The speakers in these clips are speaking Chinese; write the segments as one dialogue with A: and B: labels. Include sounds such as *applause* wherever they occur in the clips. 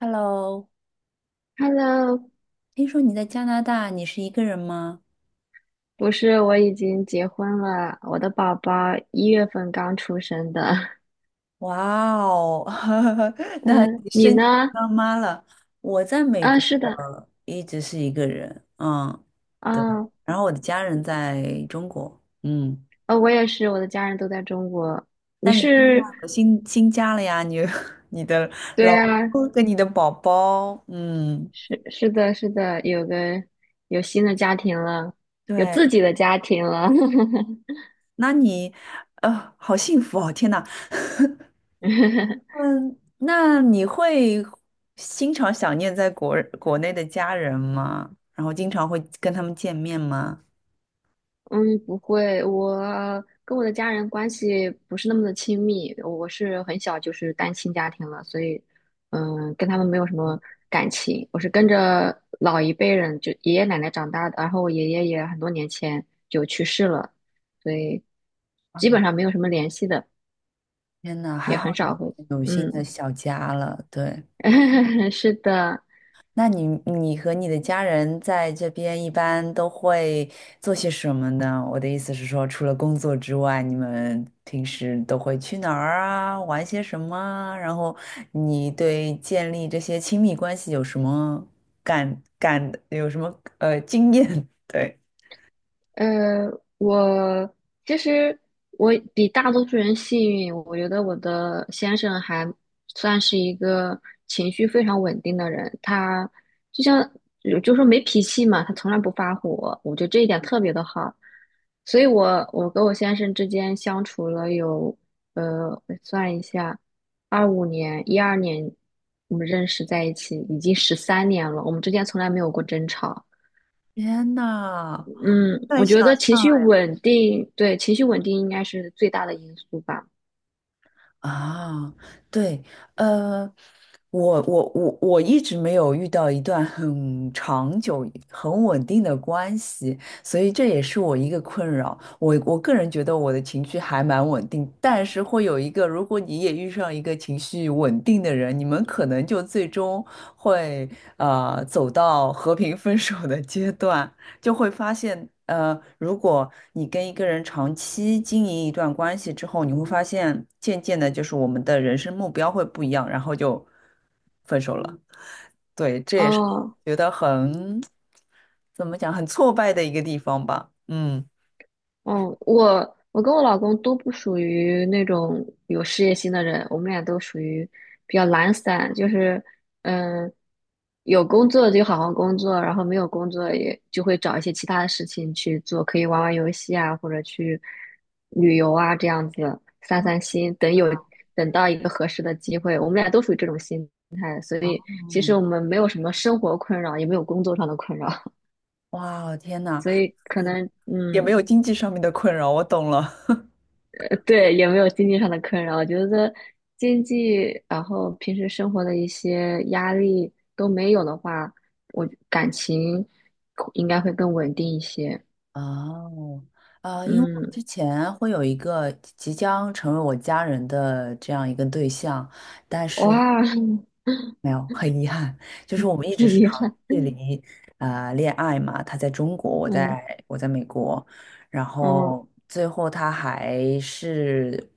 A: Hello，
B: Hello，
A: 听说你在加拿大，你是一个人吗？
B: 不是，我已经结婚了，我的宝宝1月份刚出生的。*laughs*
A: 哇哦，*laughs* 那
B: 嗯，
A: 你
B: 你
A: 升
B: 呢？
A: 级当妈了。我在美
B: 啊，
A: 国
B: 是的，
A: 一直是一个人，嗯，对。
B: 啊，
A: 然后我的家人在中国，嗯。
B: 我也是，我的家人都在中国。你
A: 但你新
B: 是，
A: 换了新家了呀，你 *laughs* 你的
B: 对
A: 老
B: 啊，
A: 公跟你的宝宝，嗯，
B: 是的，是的，有新的家庭了，有
A: 对。
B: 自己的家庭了。
A: 那你，好幸福哦！天呐，
B: *laughs*
A: 嗯，那你会经常想念在国内的家人吗？然后经常会跟他们见面吗？
B: 嗯，不会，我跟我的家人关系不是那么的亲密，我是很小就是单亲家庭了，所以，嗯，跟他们没有什么感情。我是跟着老一辈人，就爷爷奶奶长大的，然后我爷爷也很多年前就去世了，所以基本上没有什么联系的，
A: 天呐，还
B: 也
A: 好
B: 很
A: 你
B: 少会，
A: 有新的
B: 嗯，
A: 小家了，对。
B: *laughs* 是的。
A: 那你你和你的家人在这边一般都会做些什么呢？我的意思是说，除了工作之外，你们平时都会去哪儿啊，玩些什么啊然后你对建立这些亲密关系有什么，有什么经验？*laughs* 对，
B: 呃，我其实我比大多数人幸运，我觉得我的先生还算是一个情绪非常稳定的人，他就像有就说没脾气嘛，他从来不发火，我觉得这一点特别的好，所以我跟我先生之间相处了有我算一下，二五年、一二年我们认识在一起，已经13年了，我们之间从来没有过争吵。
A: 天呐，
B: 嗯，
A: 太
B: 我
A: 想
B: 觉得情绪
A: 象。
B: 稳定，对，情绪稳定应该是最大的因素吧。
A: 啊，对，呃，我一直没有遇到一段很长久、很稳定的关系，所以这也是我一个困扰。我个人觉得我的情绪还蛮稳定，但是会有一个，如果你也遇上一个情绪稳定的人，你们可能就最终会走到和平分手的阶段。就会发现，如果你跟一个人长期经营一段关系之后，你会发现，渐渐的，就是我们的人生目标会不一样，然后就分手了。对，这也是我
B: 哦，
A: 觉得很，怎么讲，很挫败的一个地方吧。嗯，
B: 嗯，我跟我老公都不属于那种有事业心的人，我们俩都属于比较懒散，就是嗯，有工作就好好工作，然后没有工作也就会找一些其他的事情去做，可以玩玩游戏啊，或者去旅游啊，这样子散散心。等到一个合适的机会，我们俩都属于这种心态，所
A: 哦，
B: 以其实我们没有什么生活困扰，也没有工作上的困扰，
A: 哇，天
B: *laughs*
A: 呐，
B: 所以可能
A: 也没有
B: 嗯。
A: 经济上面的困扰，我懂了。
B: 呃对，也没有经济上的困扰。我觉得经济，然后平时生活的一些压力都没有的话，我感情应该会更稳定一些。
A: 哦，啊，因为我
B: 嗯，
A: 之前会有一个即将成为我家人的这样一个对象，但是
B: 哇，
A: 没有，很遗憾，就是
B: *laughs*
A: 我们一直是
B: 厉
A: 朝
B: 害，
A: 距离啊、恋爱嘛，他在中国，我
B: 嗯
A: 在我在美国，然
B: 嗯
A: 后最后他还是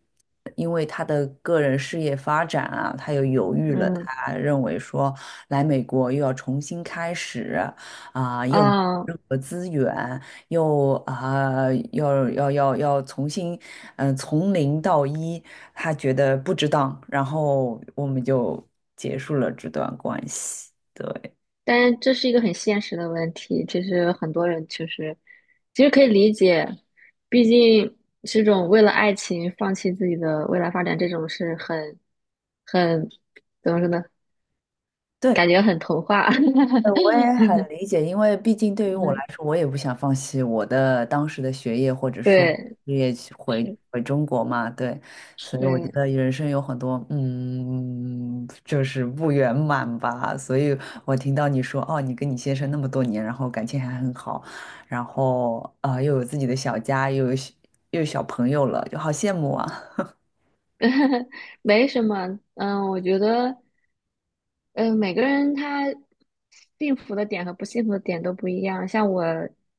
A: 因为他的个人事业发展啊，他又犹豫了，
B: 嗯
A: 他认为说来美国又要重新开始啊、又没
B: 啊！
A: 有任何资源，又啊、要重新，嗯、从零到一，他觉得不值当，然后我们就结束了这段关系。对。
B: 但是这是一个很现实的问题，其实很多人其实可以理解，毕竟这种为了爱情放弃自己的未来发展，这种是很。怎么说呢？
A: 对，
B: 感觉很童话。*laughs*
A: 我也很理解，因为毕竟对于我来
B: 嗯，
A: 说，我也不想放弃我的当时的学业，或者说
B: 对，
A: 事业去回
B: 是，
A: 回中国嘛，对，所以我觉
B: 对，
A: 得人生有很多嗯，就是不圆满吧。所以我听到你说，哦，你跟你先生那么多年，然后感情还很好，然后啊、又有自己的小家，又有小朋友了，就好羡慕啊。
B: *laughs* 没什么。嗯，我觉得，嗯，每个人他幸福的点和不幸福的点都不一样。像我，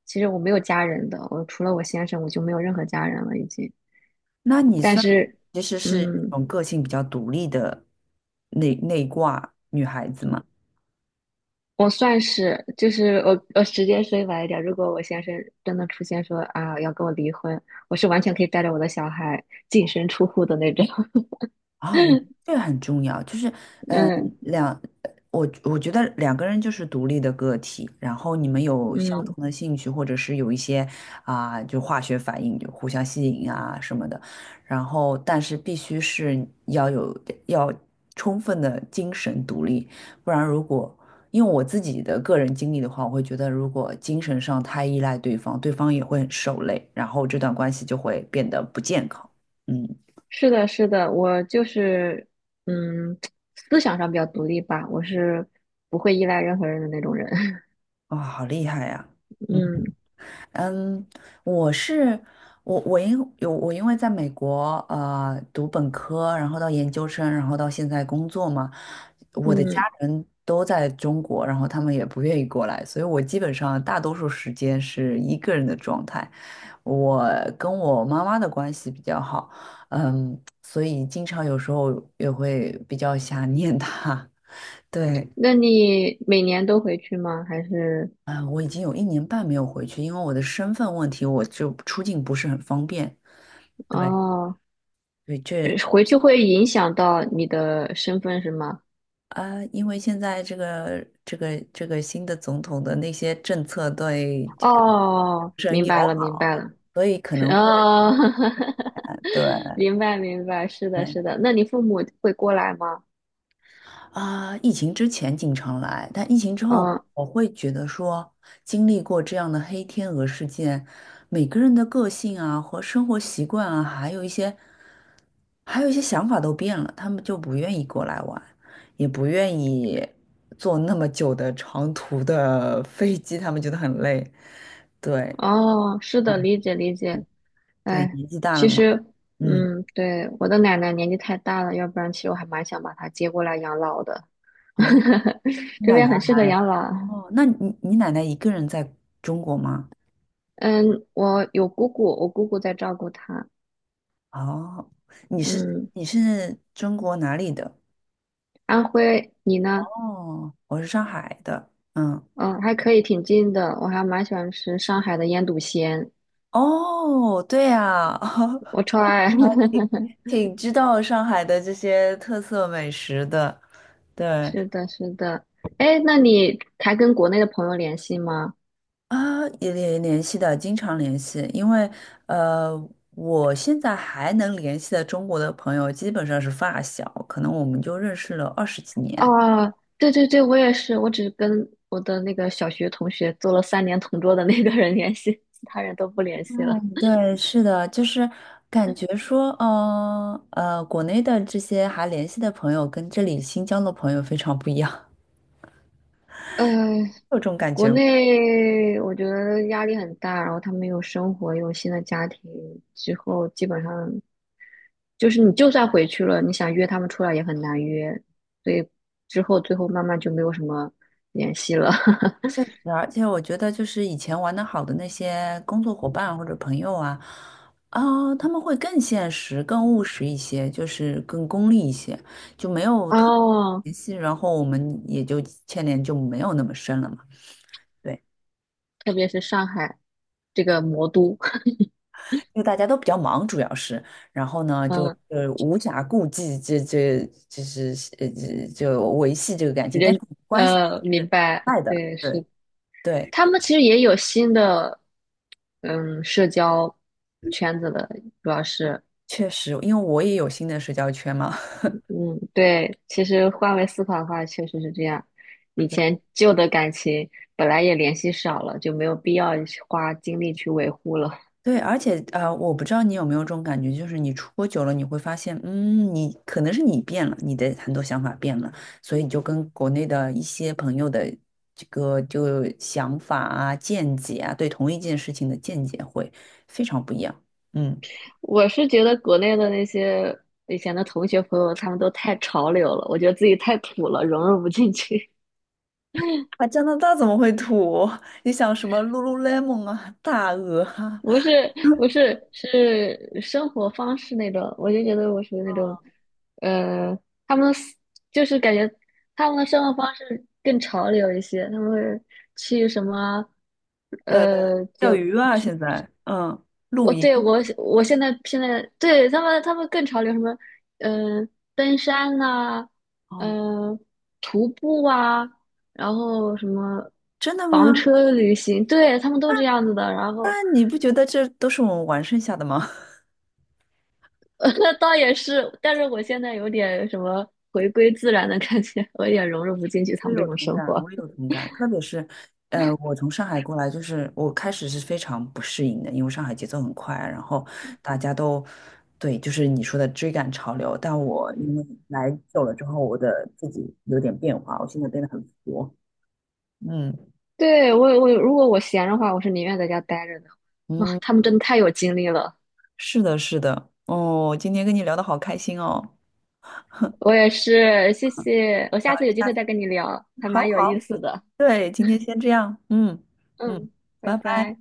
B: 其实我没有家人的，我除了我先生，我就没有任何家人了已经。
A: 那你
B: 但
A: 算
B: 是，
A: 其实是
B: 嗯，
A: 那种个性比较独立的内挂女孩子吗？
B: 我算是，就是我直接说晚一点，如果我先生真的出现说啊要跟我离婚，我是完全可以带着我的小孩净身出户的那种。
A: 啊，我
B: *laughs*
A: 这个很重要，就是
B: 嗯
A: 两，我觉得两个人就是独立的个体，然后你们有相
B: 嗯，
A: 同的兴趣，或者是有一些啊、就化学反应，就互相吸引啊什么的，然后但是必须是要有要充分的精神独立，不然因为我自己的个人经历的话，我会觉得如果精神上太依赖对方，对方也会很受累，然后这段关系就会变得不健康。嗯，
B: 是的，是的，我就是，嗯，思想上比较独立吧，我是不会依赖任何人的那种人。*laughs*
A: 哇、好厉害呀！嗯。
B: 嗯
A: 嗯，我是我因为在美国读本科，然后到研究生，然后到现在工作嘛，我的家
B: 嗯，
A: 人都在中国，然后他们也不愿意过来，所以我基本上大多数时间是一个人的状态。我跟我妈妈的关系比较好，嗯，所以经常有时候也会比较想念她。*laughs* 对，
B: 那你每年都回去吗？还是
A: 啊，我已经有一年半没有回去，因为我的身份问题，我就出境不是很方便。对，
B: 哦，
A: 对，这
B: 回去会影响到你的身份是吗？
A: 啊，因为现在这个新的总统的那些政策对这个
B: 哦，
A: 不是很
B: 明
A: 友
B: 白了，明
A: 好，
B: 白了，
A: 所以可
B: 是
A: 能会
B: 哦，*laughs*
A: 对。
B: 明白明白，是的，是的。那你父母会过来吗？
A: 啊，疫情之前经常来，但疫情之后，
B: 嗯，
A: 我会觉得说，经历过这样的黑天鹅事件，每个人的个性啊和生活习惯啊，还有一些想法都变了，他们就不愿意过来玩，也不愿意坐那么久的长途的 *laughs* 飞机，他们觉得很累。对，
B: 哦，是的，
A: 嗯
B: 理解理解。
A: 对，
B: 哎，
A: 年纪大了
B: 其
A: 嘛，
B: 实，
A: 嗯，
B: 嗯，对，我的奶奶年纪太大了，要不然其实我还蛮想把她接过来养老的。
A: 哦，
B: *laughs*
A: 你
B: 这
A: 奶
B: 边
A: 奶，
B: 很适合养老。
A: 哦，那你奶奶一个人在中国吗？
B: 嗯，我有姑姑，我姑姑在照顾她。
A: 哦，你是
B: 嗯，
A: 中国哪里的？
B: 安徽，你呢？
A: 哦，我是上海的。嗯，
B: 嗯，还可以，挺近的。我还蛮喜欢吃上海的腌笃鲜，
A: 哦，对呀，
B: 我
A: *laughs*
B: 超爱。
A: 挺知道上海的这些特色美食的。
B: *laughs*
A: 对
B: 是的，是的。哎，那你还跟国内的朋友联系吗？
A: 啊，也联系的，经常联系，因为呃，我现在还能联系的中国的朋友基本上是发小，可能我们就认识了二十几年。
B: 啊，对对对，我也是，我只跟我的那个小学同学做了三年同桌的那个人联系，其他人都不联系了。
A: 对，是的，就是感觉说，国内的这些还联系的朋友跟这里新疆的朋友非常不一样，*laughs*
B: 呃，
A: 有这种感
B: 国
A: 觉吗？
B: 内我觉得压力很大，然后他们有生活，有新的家庭之后，基本上就是你就算回去了，你想约他们出来也很难约，所以之后最后慢慢就没有什么联系了。*laughs*
A: 确实，而且我觉得就是以前玩的好的那些工作伙伴或者朋友啊，啊、他们会更现实、更务实一些，就是更功利一些，就没有特别
B: 哦，
A: 联系，然后我们也就牵连就没有那么深了嘛。对。
B: 特别是上海这个魔都，
A: 因为大家都比较忙，主要是，然后呢，
B: *laughs*
A: 就
B: 嗯，
A: 是无暇顾及就是这就维系这个感情，但是
B: 人
A: 关系
B: 明
A: 是
B: 白，
A: 爱的，
B: 对，
A: 对
B: 是
A: 对，
B: 他们其实也有新的，嗯，社交圈子的，主要是，
A: 确实，因为我也有新的社交圈嘛，
B: 嗯，对，其实换位思考的话，确实是这样。以
A: *laughs*
B: 前旧的感情本来也联系少了，就没有必要去花精力去维护了。
A: 对，而且我不知道你有没有这种感觉，就是你出国久了，你会发现，嗯，你可能是你变了，你的很多想法变了，所以你就跟国内的一些朋友的这个就想法啊、见解啊，对同一件事情的见解会非常不一样。嗯，
B: *laughs* 我是觉得国内的那些以前的同学朋友，他们都太潮流了，我觉得自己太土了，融入不进去。
A: 啊，加拿大怎么会土？*laughs* 你想什么 Lululemon 啊、大鹅啊、
B: 不是不是是生活方式那种，我就觉得我属于那种，呃，他们思就是感觉他们的生活方式更潮流一些，他们会去什么，
A: 呃、
B: 呃，
A: 钓
B: 就
A: 鱼啊，现在嗯，露
B: 我对
A: 营
B: 我我现在对他们更潮流什么，嗯、登山呐、
A: 哦，
B: 嗯、徒步啊，然后什么
A: 真的
B: 房
A: 吗？
B: 车旅行，对他们都这样子的，然
A: 那
B: 后。
A: 你不觉得这都是我们玩剩下的吗？
B: *laughs* 那倒也是，但是我现在有点什么回归自然的感觉，我有点融入不进去他
A: 我
B: 们这
A: 有
B: 种
A: 同
B: 生
A: 感，
B: 活。
A: 我有同感，特别是，我从上海过来，就是我开始是非常不适应的，因为上海节奏很快啊，然后大家都，对，就是你说的追赶潮流。但我因为来久了之后，我的自己有点变化，我现在变得很佛。嗯
B: 对，我如果我闲的话，我是宁愿在家待着的。哇，
A: 嗯，
B: 他们真的太有精力了。
A: 是的，是的。哦，今天跟你聊得好开心哦。
B: 我也是，谢谢，我下次有机会再跟你聊，还
A: 好
B: 蛮有
A: 好，
B: 意思的。
A: 对，今天先这样。嗯嗯，
B: 嗯，拜
A: 拜拜。
B: 拜。